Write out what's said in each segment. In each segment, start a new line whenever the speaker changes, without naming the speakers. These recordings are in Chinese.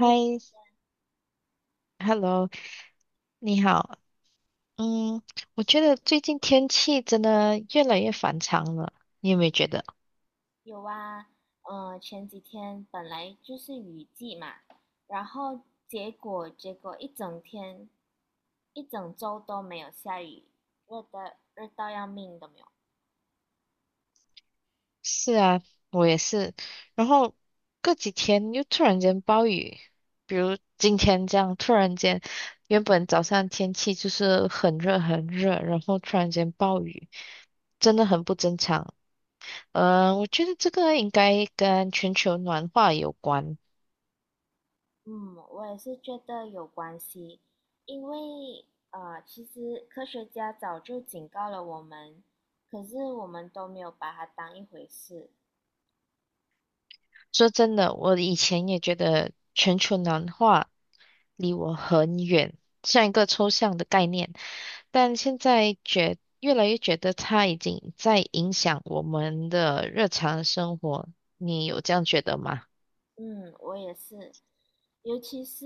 还
，Hello，你好。嗯，我觉得最近天气真的越来越反常了，你有没有觉得？
有啊，前几天本来就是雨季嘛，然后结果一整天，一整周都没有下雨，热的热到要命都没有。
是啊，我也是。然后过几天又突然间暴雨，比如今天这样，突然间，原本早上天气就是很热很热，然后突然间暴雨，真的很不正常。我觉得这个应该跟全球暖化有关。
嗯，我也是觉得有关系，因为其实科学家早就警告了我们，可是我们都没有把它当一回事。
说真的，我以前也觉得全球暖化离我很远，像一个抽象的概念，但现在越来越觉得它已经在影响我们的日常生活。你有这样觉得吗？
嗯，我也是，尤其是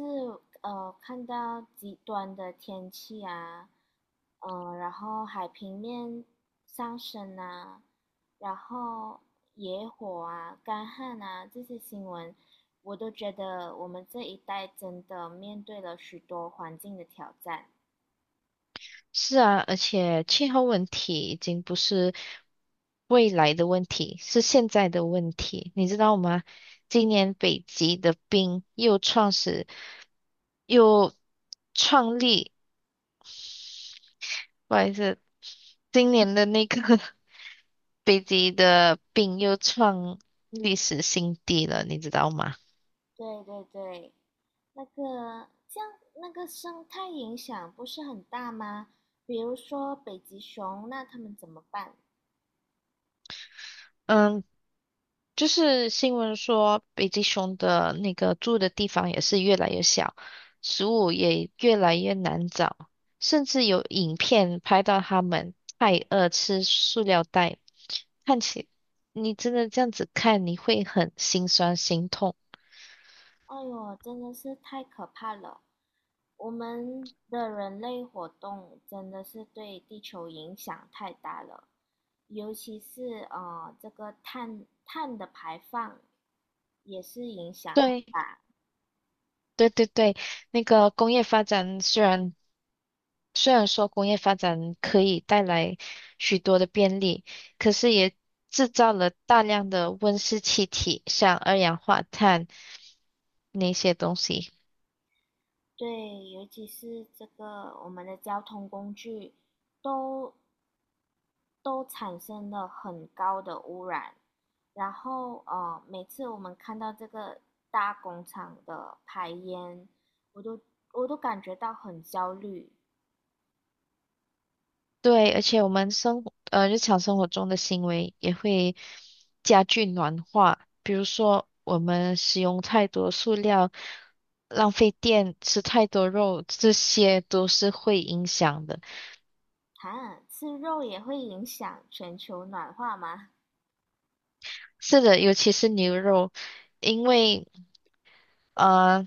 看到极端的天气啊，嗯、然后海平面上升啊，然后野火啊、干旱啊这些新闻，我都觉得我们这一代真的面对了许多环境的挑战。
是啊，而且气候问题已经不是未来的问题，是现在的问题，你知道吗？今年北极的冰又创始，又创立。不好意思，今年的那个 北极的病又创历史新低了，你知道吗？
对对对，那个这样那个生态影响不是很大吗？比如说北极熊，那他们怎么办？
嗯，就是新闻说北极熊的那个住的地方也是越来越小，食物也越来越难找，甚至有影片拍到它们太饿吃塑料袋，看起你真的这样子看，你会很心酸心痛。
哎呦，真的是太可怕了！我们的人类活动真的是对地球影响太大了，尤其是这个碳的排放也是影响很
对
大。
对对对，那个工业发展虽然说工业发展可以带来许多的便利，可是也制造了大量的温室气体，像二氧化碳那些东西。
对，尤其是这个我们的交通工具都都产生了很高的污染，然后每次我们看到这个大工厂的排烟，我都我都感觉到很焦虑。
对，而且我们生活，日常生活中的行为也会加剧暖化，比如说我们使用太多塑料，浪费电，吃太多肉，这些都是会影响的。
哈，吃肉也会影响全球暖化吗？
是的，尤其是牛肉，因为。呃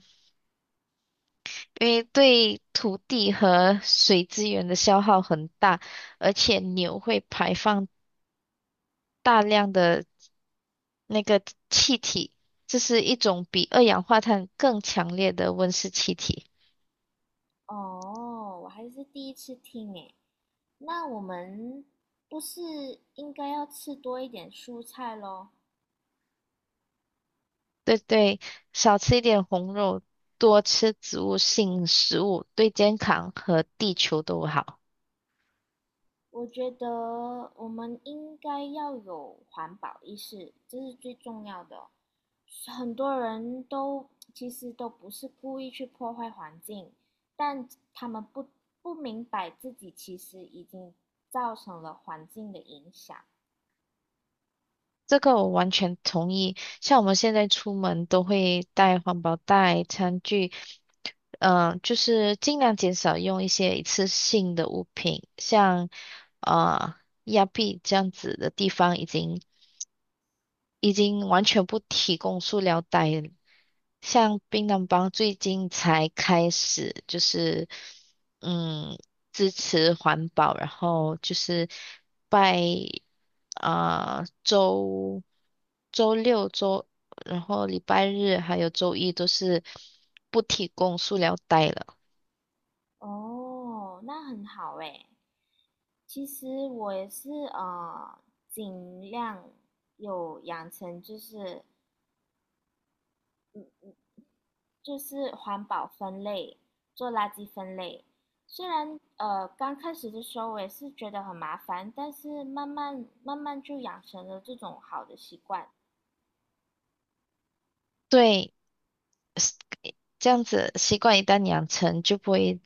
因为对土地和水资源的消耗很大，而且牛会排放大量的那个气体，这是一种比二氧化碳更强烈的温室气体。
哦，我还是第一次听诶。那我们不是应该要吃多一点蔬菜咯？
对对，少吃一点红肉，多吃植物性食物，对健康和地球都好。
我觉得我们应该要有环保意识，这是最重要的。很多人都其实都不是故意去破坏环境，但他们不明白自己其实已经造成了环境的影响。
这个我完全同意。像我们现在出门都会带环保袋、餐具。就是尽量减少用一些一次性的物品，像呃亚庇这样子的地方已经完全不提供塑料袋了，像槟榔帮最近才开始就是嗯支持环保，然后就是拜啊、呃周周六周，然后礼拜日还有周一都是不提供塑料袋了。
哦，那很好诶。其实我也是尽量有养成就是环保分类，做垃圾分类。虽然刚开始的时候我也是觉得很麻烦，但是慢慢就养成了这种好的习惯。
对，是这样子习惯一旦养成，就不会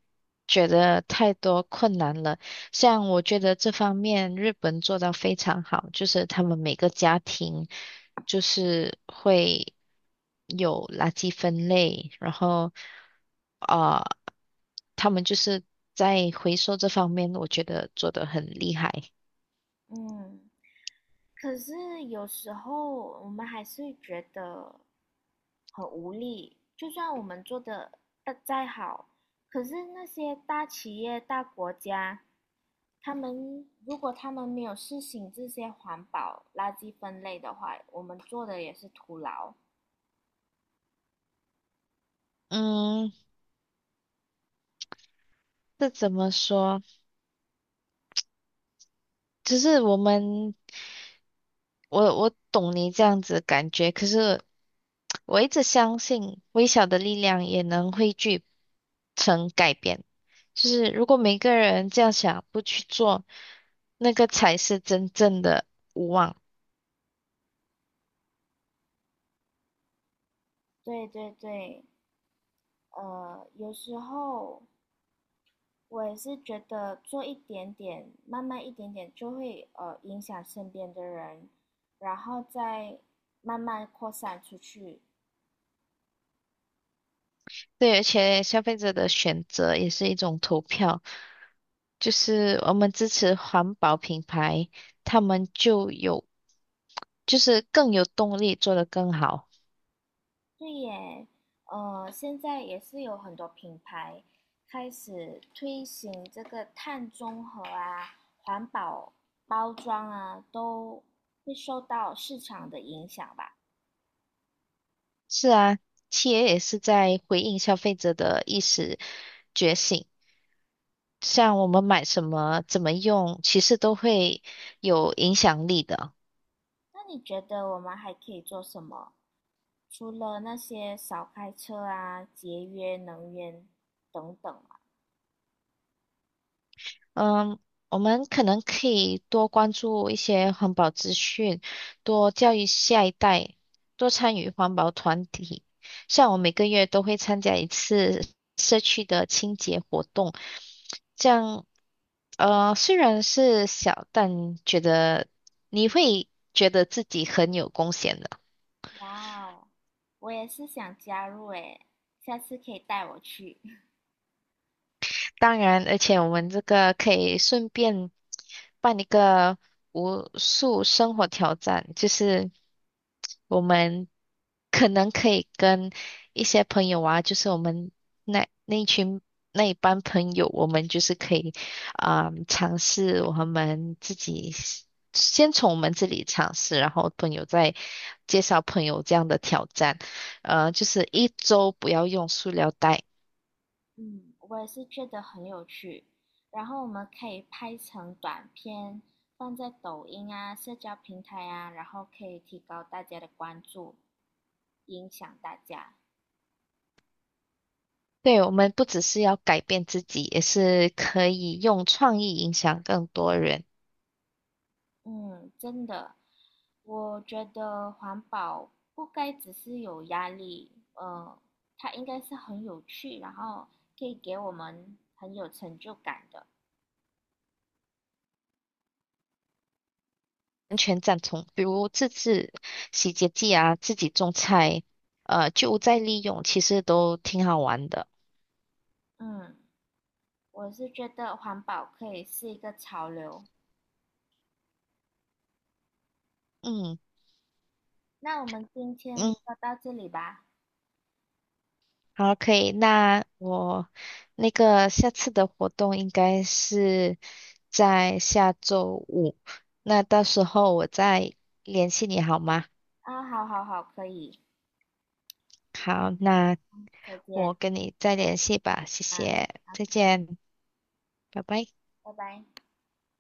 觉得太多困难了。像我觉得这方面日本做到非常好，就是他们每个家庭就是会有垃圾分类，然后啊、呃他们就是在回收这方面，我觉得做得很厉害。
嗯，可是有时候我们还是会觉得很无力，就算我们做的再好，可是那些大企业、大国家，如果他们没有实行这些环保垃圾分类的话，我们做的也是徒劳。
嗯，这怎么说？只是我们。我懂你这样子的感觉，可是我一直相信微小的力量也能汇聚成改变。就是如果每个人这样想，不去做，那个才是真正的无望。
对对对，呃，有时候我也是觉得做一点点，慢慢一点点就会影响身边的人，然后再慢慢扩散出去。
对，而且消费者的选择也是一种投票，就是我们支持环保品牌，他们就有，就是更有动力做得更好。
对耶，呃，现在也是有很多品牌开始推行这个碳中和啊、环保包装啊，都会受到市场的影响吧。
是啊，企业也是在回应消费者的意识觉醒。像我们买什么、怎么用，其实都会有影响力的。
那你觉得我们还可以做什么？除了那些少开车啊、节约能源等等嘛。
嗯，我们可能可以多关注一些环保资讯，多教育下一代，多参与环保团体。像我每个月都会参加一次。社区。动，这样虽然是小，但觉得你会觉得自己很有贡献的。
哇哦，我也是想加入诶，下次可以带我去。
当然，而且我们这个可以顺便办一个无数生活挑战，就是我们可能可以跟一些朋友啊，就是我们那那一群那一班朋友，我们就是可以尝试我们自己先从我们这里尝试，然后朋友再介绍朋友这样的挑战，就是一周不要用塑料袋。
嗯，我也是觉得很有趣。然后我们可以拍成短片，放在抖音啊、社交平台啊，然后可以提高大家的关注，影响大家。
对，我们不只是要改变自己，也是可以用创意影响更多人。
嗯，真的，我觉得环保不该只是有压力，它应该是很有趣，然后可以给我们很有成就感的。
完全赞同，比如自制洗洁剂啊，自己种菜，就再利用，其实都挺好玩的。
嗯，我是觉得环保可以是一个潮流。
嗯
那我们今天
嗯，
就到这里吧。
好，可以。那我那个下次的活动应该是在下周五，那到时候我再联系你好吗？
啊，好好好，可以，
好，那
再见
我跟你再联系吧，谢
啊，
谢，再
好，
见。拜拜。
拜拜。